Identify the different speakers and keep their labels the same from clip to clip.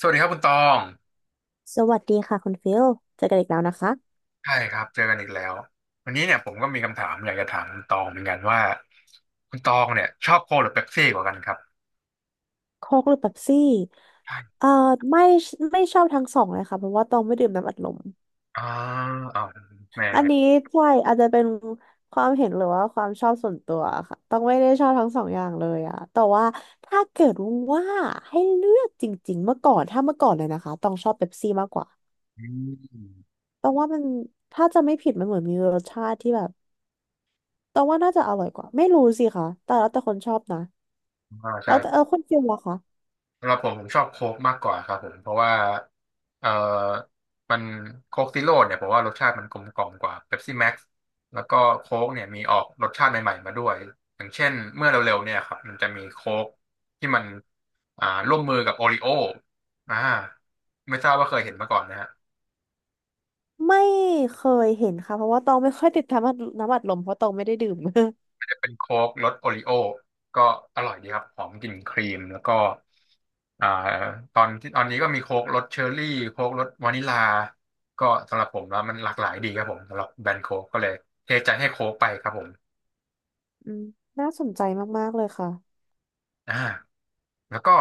Speaker 1: สวัสดีครับคุณตอง
Speaker 2: สวัสดีค่ะคุณฟิลเจอกันอีกแล้วนะคะ
Speaker 1: ใช่ครับเจอกันอีกแล้ววันนี้เนี่ยผมก็มีคำถามอยากจะถามคุณตองเหมือนกันว่าคุณตองเนี่ยชอบโค้กหรือเป๊ปซี่กว่ากันครับ
Speaker 2: โค้กหรือเป๊ปซี่
Speaker 1: ใช่
Speaker 2: เอ่อไม่ชอบทั้งสองเลยค่ะเพราะว่าตองไม่ดื่มน้ำอัดลม
Speaker 1: อ่าอ้าวแหม
Speaker 2: อันนี้ใช่อาจจะเป็นความเห็นหรือว่าความชอบส่วนตัวค่ะต้องไม่ได้ชอบทั้งสองอย่างเลยอะแต่ว่าถ้าเกิดว่าให้เลือกจริงๆเมื่อก่อนถ้าเมื่อก่อนเลยนะคะต้องชอบเป๊ปซี่มากกว่า
Speaker 1: อืม
Speaker 2: ต้องว่ามันถ้าจะไม่ผิดมันเหมือนมีรสชาติที่แบบต้องว่าน่าจะอร่อยกว่าไม่รู้สิคะแต่แล้วแต่คนชอบนะ
Speaker 1: อ่าใช่
Speaker 2: แล้วแต่เออคุณฟิลล่ะคะ
Speaker 1: สำหรับผมผมชอบโค้กมากกว่าครับผมเพราะว่าเอ่อมันโค้กซีโร่เนี่ยผมว่ารสชาติมันกลมกล่อมกว่าเ e ปซี่แม็กซ์แล้วก็โค้กเนี่ยมีออกรสชาติใหม่ๆมาด้วยอย่างเช่นเมื่อเร็วๆเนี่ยครับมันจะมีโค้กที่มันร่วมมือกับโอริโออ่าไม่ทราบว่าเคยเห็นมาก่อนนะฮะ
Speaker 2: ไม่เคยเห็นค่ะเพราะว่าตองไม่ค่อยติดตามน้ำอัดลมเพราะตองไม่ได้ดื่ม
Speaker 1: เป็นโค้กรสโอริโอก็อร่อยดีครับหอมกลิ่นครีมแล้วก็อ่าตอนนี้ก็มีโค้กรสเชอร์รี่โค้กรสวานิลาก็สำหรับผมแล้วมันหลากหลายดีครับผมสำหรับแบรนด์โค้กก็เลยเทใจให้โค้กไปครับผม
Speaker 2: อืมน่าสนใจมากๆเลยค่ะ
Speaker 1: อ่าแล้วก็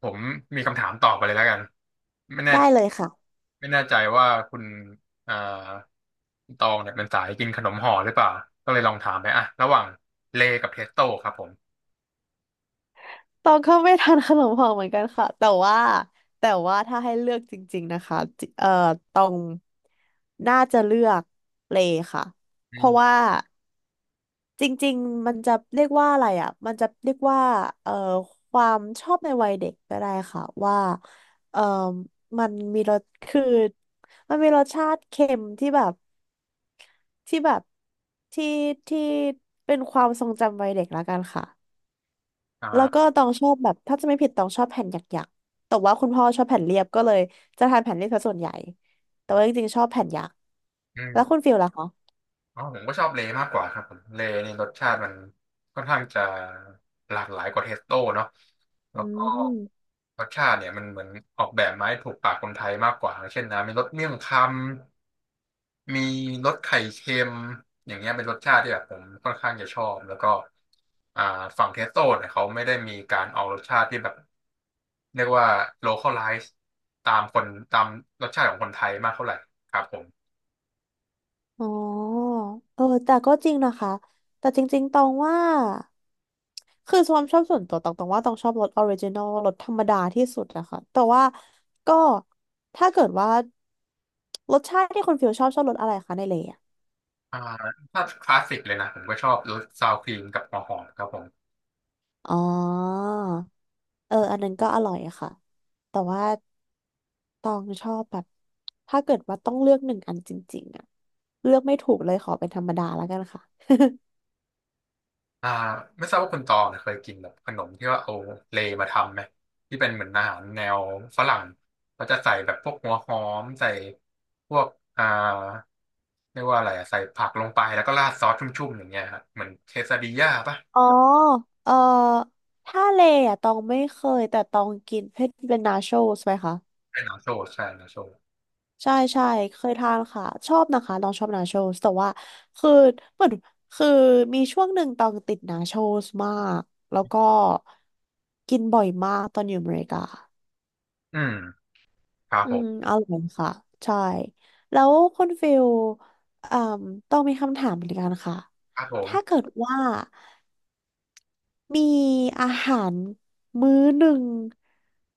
Speaker 1: ผมมีคำถามต่อไปเลยแล้วกันไม่แน่
Speaker 2: ได้เลยค่ะ
Speaker 1: ไม่แน่ใจว่าคุณอ่าคุณตองเนี่ยเป็นสายกินขนมห่อหรือเปล่าก็เลยลองถามไปอ่ะระหว่างเลกับเทสโต้ครับผม
Speaker 2: ตองก็ไม่ทานขนมห่อเหมือนกันค่ะแต่ว่าถ้าให้เลือกจริงๆนะคะจิตองน่าจะเลือกเลค่ะ
Speaker 1: อื
Speaker 2: เพราะว่า
Speaker 1: ม
Speaker 2: จริงๆมันจะเรียกว่าอะไรอ่ะมันจะเรียกว่าเอ่อความชอบในวัยเด็กก็ได้ค่ะว่าเอ่อมันมีรสคือมันมีรสชาติเค็มที่แบบ ที่แบบที่ที่เป็นความทรงจำวัยเด็กละกันค่ะแล้วก็
Speaker 1: อ่า
Speaker 2: ตองชอบแบบถ้าจะไม่ผิดตองชอบแผ่นหยักๆแต่ว่าคุณพ่อชอบแผ่นเรียบก็เลยจะทานแผ่นเรียบซะส่วนใหญ่แต่ว่าจริงๆชอบแผ่นหยัก
Speaker 1: อื
Speaker 2: แล้วคุ
Speaker 1: ม
Speaker 2: ณฟิลล่ะคะ
Speaker 1: อ๋อผมก็ชอบเลย์มากกว่าครับผมเลย์นี่รสชาติมันค่อนข้างจะหลากหลายกว่าเทสโต้เนาะแล้
Speaker 2: อื
Speaker 1: วก็
Speaker 2: ม
Speaker 1: รสชาติเนี่ยมันเหมือนออกแบบมาให้ถูกปากคนไทยมากกว่าอย่างเช่นนะมีรสเมี่ยงคำมีรสไข่เค็มอย่างเงี้ยเป็นรสชาติที่แบบผมค่อนข้างจะชอบแล้วก็อ่าฝั่งเทสโต้เนี่ยเขาไม่ได้มีการเอารสชาติที่แบบเรียกว่า localize ตามตามรสชาติของคนไทยมากเท่าไหร่ครับผม
Speaker 2: อ๋อเออแต่ก็จริงนะคะแต่จริงๆตองว่าคือความชอบส่วนตัวตองว่าตองชอบรถออริจินอลรถธรรมดาที่สุดนะคะแต่ว่าก็ถ้าเกิดว่ารสชาติที่คนฟิลชอบชอบรสอะไรคะในเลยอะ
Speaker 1: อ่าถ้าคลาสสิกเลยนะผมก็ชอบรสซาวครีมกับหัวหอมครับผม
Speaker 2: อ๋อเอออันนั้นก็อร่อยค่ะแต่ว่าตองชอบแบบถ้าเกิดว่าต้องเลือกหนึ่งอันจริงๆอะเลือกไม่ถูกเลยขอเป็นธรรมดาแล้วกันค่ะ
Speaker 1: อ่าไม่ทราบว่าคุณตองเนี่ยเคยกินแบบขนมที่ว่าเอาเลย์มาทำไหมที่เป็นเหมือนอาหารแนวฝรั่งเขาจะใส่แบบพวกหัวหอมใส่พวกอ่าเรียกว่าอะไรอะใส่ผักลงไปแล้วก็ราดซอสชุ่มๆอย่างเงี้ยครับเหมือนเคซาดิญ่าปะ
Speaker 2: อ๋อเอ่อถ้าเลอ่ะตองไม่เคยแต่ตองกินเพชรเป็นนาโชสไหมคะ
Speaker 1: ใช่นาโชใช่นาโช
Speaker 2: ใช่ใช่เคยทานค่ะชอบนะคะตองชอบนาโชสแต่ว่าคือเหมือนคือมีช่วงหนึ่งตองติดนาโชสมากแล้วก็กินบ่อยมากตอนอยู่อเมริกา
Speaker 1: อืมครับ
Speaker 2: อื
Speaker 1: ผ
Speaker 2: ม
Speaker 1: ม
Speaker 2: อร่อยค่ะใช่แล้วคุณฟิลอ่อต้องมีคำถามเหมือนกันค่ะ
Speaker 1: ครับผ
Speaker 2: ถ้า
Speaker 1: ม
Speaker 2: เกิดว่า มีอาหารมื้อหนึ่ง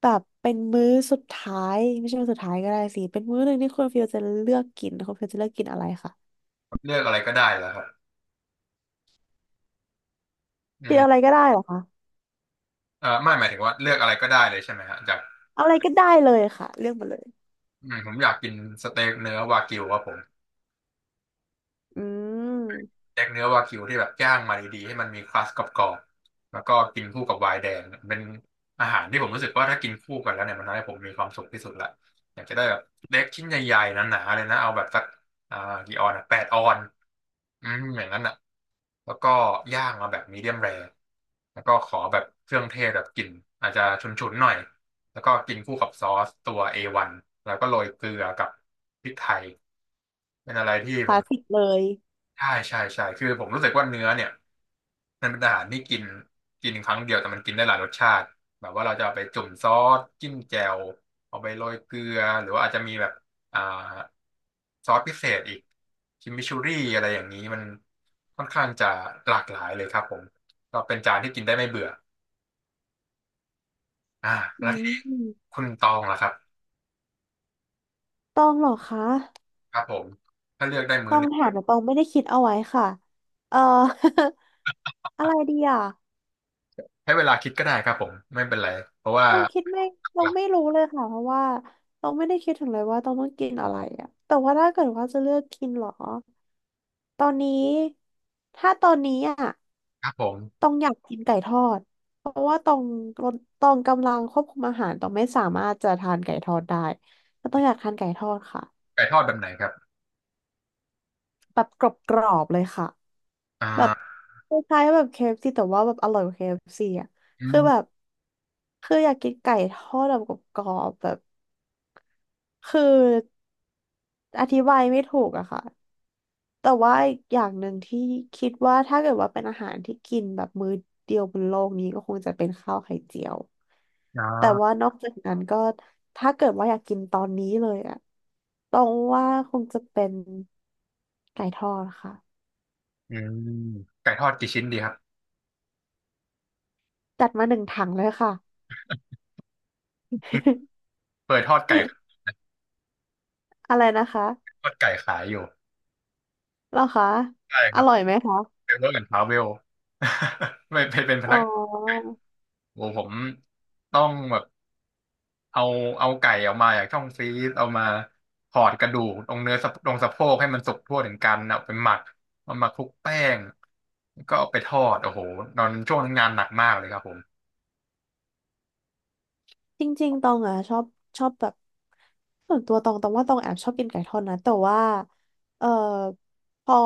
Speaker 2: แบบเป็นมื้อสุดท้ายไม่ใช่มื้อสุดท้ายก็ได้สิเป็นมื้อหนึ่งที่คุณฟิลจะเลือกกินคุณฟิลจะเลือกกินอะไรคะ
Speaker 1: เลือกอะไรก็ได้เหรอครับอื
Speaker 2: กินอะไร
Speaker 1: ม
Speaker 2: ก็ได้เหรอคะ
Speaker 1: ไม่หมายถึงว่าเลือกอะไรก็ได้เลยใช่ไหมฮะจาก
Speaker 2: เอาอะไรก็ได้เลยค่ะเลือกมาเลย
Speaker 1: อืมผมอยากกินสเต็กเนื้อวากิวครับผม
Speaker 2: อืม
Speaker 1: แยกเนื้อวากิวที่แบบย่างมาดีๆให้มันมีครัสกรอบๆแล้วก็กินคู่กับไวน์แดงเป็นอาหารที่ผมรู้สึกว่าถ้ากินคู่กันแล้วเนี่ยมันทำให้ผมมีความสุขที่สุดละอยากจะได้แบบเล็กชิ้นใหญ่ๆหนาๆเลยนะเอาแบบสักอ่ากี่ออนอะแปดออนอืมอย่างนั้นอ่ะแล้วก็ย่างมาแบบมีเดียมแรแล้วก็ขอแบบเครื่องเทศแบบกลิ่นอาจจะฉุนๆหน่อยแล้วก็กินคู่กับซอสตัวเอวันแล้วก็โรยเกลือกับพริกไทยเป็นอะไรที่
Speaker 2: ค
Speaker 1: ผ
Speaker 2: ลา
Speaker 1: ม
Speaker 2: สสิกเลย
Speaker 1: ใช่ใช่ใช่คือผมรู้สึกว่าเนื้อเนี่ย มันเป็นอาหารที่กินกินครั้งเดียวแต่มันกินได้หลายรสชาติแบบว่าเราจะเอาไปจุ่มซอสจิ้มแจ่วเอาไปโรยเกลือหรือว่าอาจจะมีแบบอ่าซอสพิเศษอีกคิมมิชูรี่อะไรอย่างนี้มันค่อนข้างจะหลากหลายเลยครับผมก็เป็นจานที่กินได้ไม่เบื่ออ่า
Speaker 2: อื
Speaker 1: แล้ว
Speaker 2: ม
Speaker 1: คุณตองล่ะครับ
Speaker 2: ต้องเหรอคะ
Speaker 1: ครับผมถ้าเลือกได้มื้อ
Speaker 2: ต้อ
Speaker 1: ห
Speaker 2: ง
Speaker 1: นึง
Speaker 2: ถามแต่ตองไม่ได้คิดเอาไว้ค่ะเอ่อ อะไรดีอ่ะ
Speaker 1: ให้เวลาคิดก็ได้ครับผมไม่เป็นไรเพราะว่า
Speaker 2: ต้องคิดไม่ต้
Speaker 1: ห
Speaker 2: อง
Speaker 1: ลัก
Speaker 2: ไม่รู้เลยค่ะเพราะว่าต้องไม่ได้คิดถึงเลยว่าต้องกินอะไรอะแต่ว่าถ้าเกิดว่าจะเลือกกินเหรอตอนนี้ถ้าตอนนี้อ่ะ
Speaker 1: ๆครับผม
Speaker 2: ต้องอยากกินไก่ทอดเพราะว่าต้องกำลังควบคุมอาหารต้องไม่สามารถจะทานไก่ทอดได้ก็ต้องอยากทานไก่ทอดค่ะ
Speaker 1: ไก่ทอดแบบไหนครับ
Speaker 2: แบบกรอบๆเลยค่ะ
Speaker 1: อ่
Speaker 2: แบบ
Speaker 1: า
Speaker 2: คล้ายๆแบบเคเอฟซีแต่ว่าแบบอร่อยกว่าเคเอฟ f ีอ่ะ
Speaker 1: อื
Speaker 2: คือ
Speaker 1: ม
Speaker 2: แบบคืออยากกินไก่ทอดแบบกรอบๆแบบ คืออธิบายไม่ถูกอะค่ะแต่ว่าอีกอย่างหนึ่งที่คิดว่าถ้าเกิดว่าเป็นอาหารที่กินแบบมื้อเดียวบนโลกนี้ก็คงจะเป็นข้าวไข่เจียว
Speaker 1: อ
Speaker 2: แต่
Speaker 1: ่า
Speaker 2: ว่านอกจากนั้นก็ถ้าเกิดว่าอยากกินตอนนี้เลยอะต้องว่าคงจะเป็นไก่ทอดค่ะ
Speaker 1: อืมไก่ทอดกี่ชิ้นดีครับ
Speaker 2: จัดมาหนึ่งถังเลยค่ะ
Speaker 1: เคยทอดไก่
Speaker 2: อะไรนะคะ
Speaker 1: ทอดไก่ขายอยู่
Speaker 2: เหรอคะ
Speaker 1: ใช่ค
Speaker 2: อ
Speaker 1: รับ
Speaker 2: ร่อยไหมคะ
Speaker 1: เป็นเวิร์กแอนด์ทราเวล ไม่ไปเป็นพ
Speaker 2: อ๋
Speaker 1: นัก
Speaker 2: อ
Speaker 1: โอ้ผมต้องแบบเอาเอาไก่ออกมาจากช่องฟรีซเอามาถอดกระดูกตรงเนื้อสะตรงสะโพกให้มันสุกทั่วถึงกันเอาไปหมักเอามาคลุกแป้งแล้วก็เอาไปทอดโอ้โหตอนช่วงนั้นงานหนักมากเลยครับผม
Speaker 2: จริงๆตองอ่ะชอบแบบส่วนตัวตองว่าตองแอบชอบกินไก่ทอดนะแต่ว่าเอ่อพอ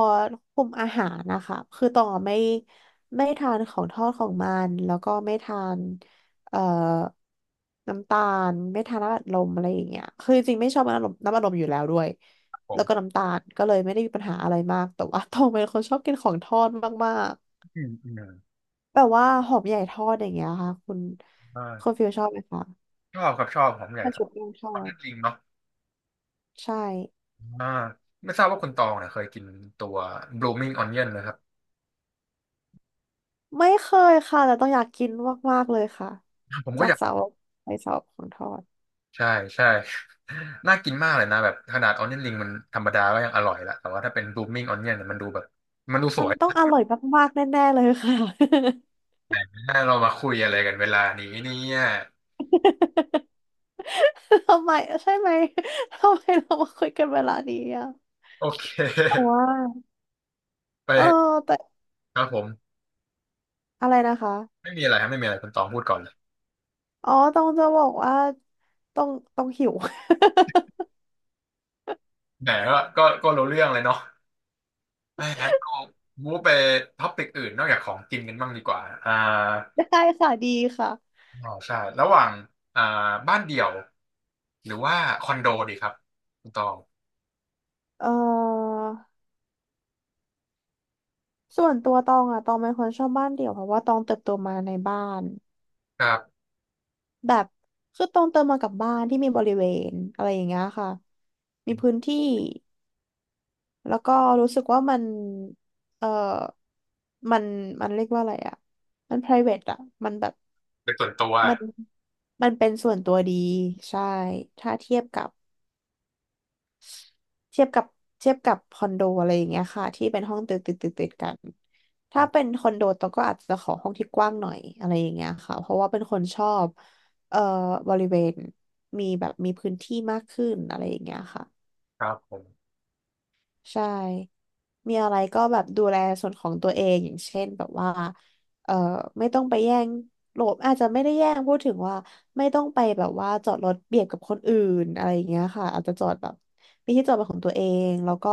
Speaker 2: คุมอาหารนะคะคือตองอะไม่ทานของทอดของมันแล้วก็ไม่ทานเอ่อน้ำตาลไม่ทานน้ำอัดลมอะไรอย่างเงี้ยคือจริงๆไม่ชอบน้ำอัดลมอยู่แล้วด้วย
Speaker 1: ผ
Speaker 2: แล้วก็
Speaker 1: ม
Speaker 2: น้ำตาลก็เลยไม่ได้มีปัญหาอะไรมากแต่ว่าตองเป็นคนชอบกินของทอดมาก
Speaker 1: อืมอืม
Speaker 2: ๆแบบว่าหอมใหญ่ทอดอย่างเงี้ยค่ะคุณ
Speaker 1: อ่า
Speaker 2: ฟิลชอบไหมคะ
Speaker 1: ชอบครับชอบผมใหญ่
Speaker 2: ปลา
Speaker 1: ทอ
Speaker 2: ชุ
Speaker 1: ด
Speaker 2: บแป้งท
Speaker 1: ท
Speaker 2: อ
Speaker 1: อด
Speaker 2: ด
Speaker 1: นั่นลิงเนาะ
Speaker 2: ใช่
Speaker 1: อ่าไม่ทราบว่าคุณตองเนี่ยเคยกินตัว blooming onion นะครับ
Speaker 2: ไม่เคยค่ะแต่ต้องอยากกินมากๆเลยค่ะ
Speaker 1: ผมก็
Speaker 2: จา
Speaker 1: อ
Speaker 2: ก
Speaker 1: ยาก
Speaker 2: เสาไปเสาของทอด
Speaker 1: ใช่ใช่ น่ากินมากเลยนะแบบขนาดออนเนียนริงมันธรรมดาก็ยังอร่อยละแต่ว่าถ้าเป็นรูมมิ่งออนเนียนเนี่ยมันดูแบบมันดูส
Speaker 2: มั
Speaker 1: ว
Speaker 2: น
Speaker 1: ย
Speaker 2: ต้องอร่อยมากๆแน่ๆเลยค่ะ
Speaker 1: นะเรามาคุยอะไรกันเวลานี้เนี่ย
Speaker 2: ทำไมใช่ไหมทำไมเรามาคุยกันเวลานี้อ่ะ
Speaker 1: โอเค
Speaker 2: แต่ว่า
Speaker 1: ไป
Speaker 2: เออแต่
Speaker 1: ครับผม
Speaker 2: อะไรนะคะ
Speaker 1: ไม่มีอะไรครับไม่มีอะไรคุณตองพูดก่อนเลย
Speaker 2: อ๋อต้องจะบอกว่าต้องหิว
Speaker 1: แหมก็รู้เรื่องเลยเนาะแม่งั้นก็มูฟไปท็อปิกอื่นนอกจากของกินกันบ้างดีกว่าอ่า
Speaker 2: ได้ค่ะดีค่ะ
Speaker 1: อ๋อใช่ระหว่างอ่าบ้านเดี่ยวหรือว่าคอนโดดีครับคุณตอง
Speaker 2: เออส่วนตัวตองอะตองเป็นคนชอบบ้านเดี่ยวเพราะว่าตองเติบโตมาในบ้าน
Speaker 1: ครับ
Speaker 2: แบบคือตรงเติมมากับบ้านที่มีบริเวณอะไรอย่างเงี้ยค่ะมีพื้นที่แล้วก็รู้สึกว่ามันเออมันมันเรียกว่าอะไรอะมัน private อะมันแบบ
Speaker 1: เป็นส่วนตัว
Speaker 2: มันเป็นส่วนตัวดีใช่ถ้าเทียบกับ เทียบกับเทียบกับคอนโดอะไรอย่างเงี้ยค่ะที่เป็นห้องติดกันถ้าเป็นคอนโดตองก็อาจจะขอห้องที่กว้างหน่อยอะไรอย่างเงี้ยค่ะเพราะว่าเป็นคนชอบเอ่อบริเวณมีแบบมีพื้นที่มากขึ้นอะไรอย่างเงี้ยค่ะ
Speaker 1: ครับผม
Speaker 2: ใช่ มีอะไรก็แบบดูแลส่วนของตัวเองอย่างเช่นแบบว่าเอ่อไม่ต้องไปแย่งโลบอาจจะไม่ได้แย่งพูดถึงว่าไม่ต้องไปแบบว่าจอดรถเบียดกับคนอื่นอะไรอย่างเงี้ยค่ะอาจจะจอดแบบมีที่จอดเป็นของตัวเองแล้วก็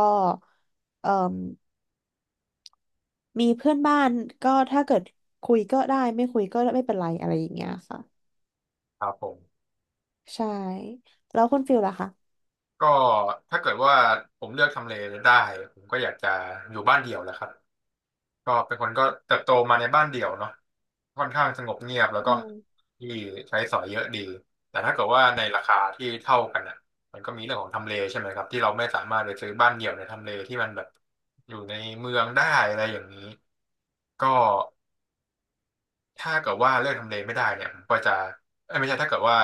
Speaker 2: เอ่มมีเพื่อนบ้านก็ถ้าเกิดคุยก็ได้ไม่คุยก็ไม่เป็นไรอะไรอย่างเงี้ยค่ะ
Speaker 1: ครับผม
Speaker 2: ใช่แล้วคุณฟิลล่ะคะ
Speaker 1: ก็ถ้าเกิดว่าผมเลือกทำเลได้ผมก็อยากจะอยู่บ้านเดี่ยวแหละครับก็เป็นคนก็เติบโตมาในบ้านเดี่ยวเนาะค่อนข้างสงบเงียบแล้ว
Speaker 2: อื
Speaker 1: ก็
Speaker 2: ม
Speaker 1: ที่ใช้สอยเยอะดีแต่ถ้าเกิดว่าในราคาที่เท่ากันอ่ะมันก็มีเรื่องของทำเลใช่ไหมครับที่เราไม่สามารถไปซื้อบ้านเดี่ยวในทำเลที่มันแบบอยู่ในเมืองได้อะไรอย่างนี้ก็ ถ้าเกิดว่าเลือกทำเลไม่ได้เนี่ยผมก็จะเอ้ยไม่ใช่ถ้าเกิดว่า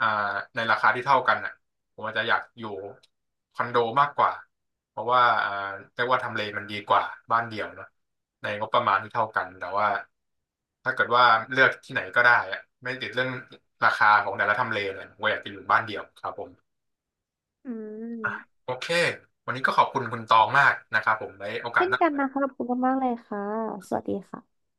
Speaker 1: อ่าในราคาที่เท่ากันน่ะผมอาจจะอยากอยู่คอนโดมากกว่าเพราะว่าเรียกว่าทำเลมันดีกว่าบ้านเดี่ยวเนอะในงบประมาณที่เท่ากันแต่ว่าถ้าเกิดว่าเลือกที่ไหนก็ได้อะไม่ติดเรื่องราคาของแต่ละทำเลเลยผมก็อยากจะอยู่บ้านเดี่ยวครับผม
Speaker 2: อ
Speaker 1: โอเควันนี้ก็ขอบคุณคุณตองมากนะครับผมไว้โอกาส
Speaker 2: เช่น
Speaker 1: หน้า
Speaker 2: กันนะคะขอบคุณมากๆเลยค่ะสวัสดีค่ะ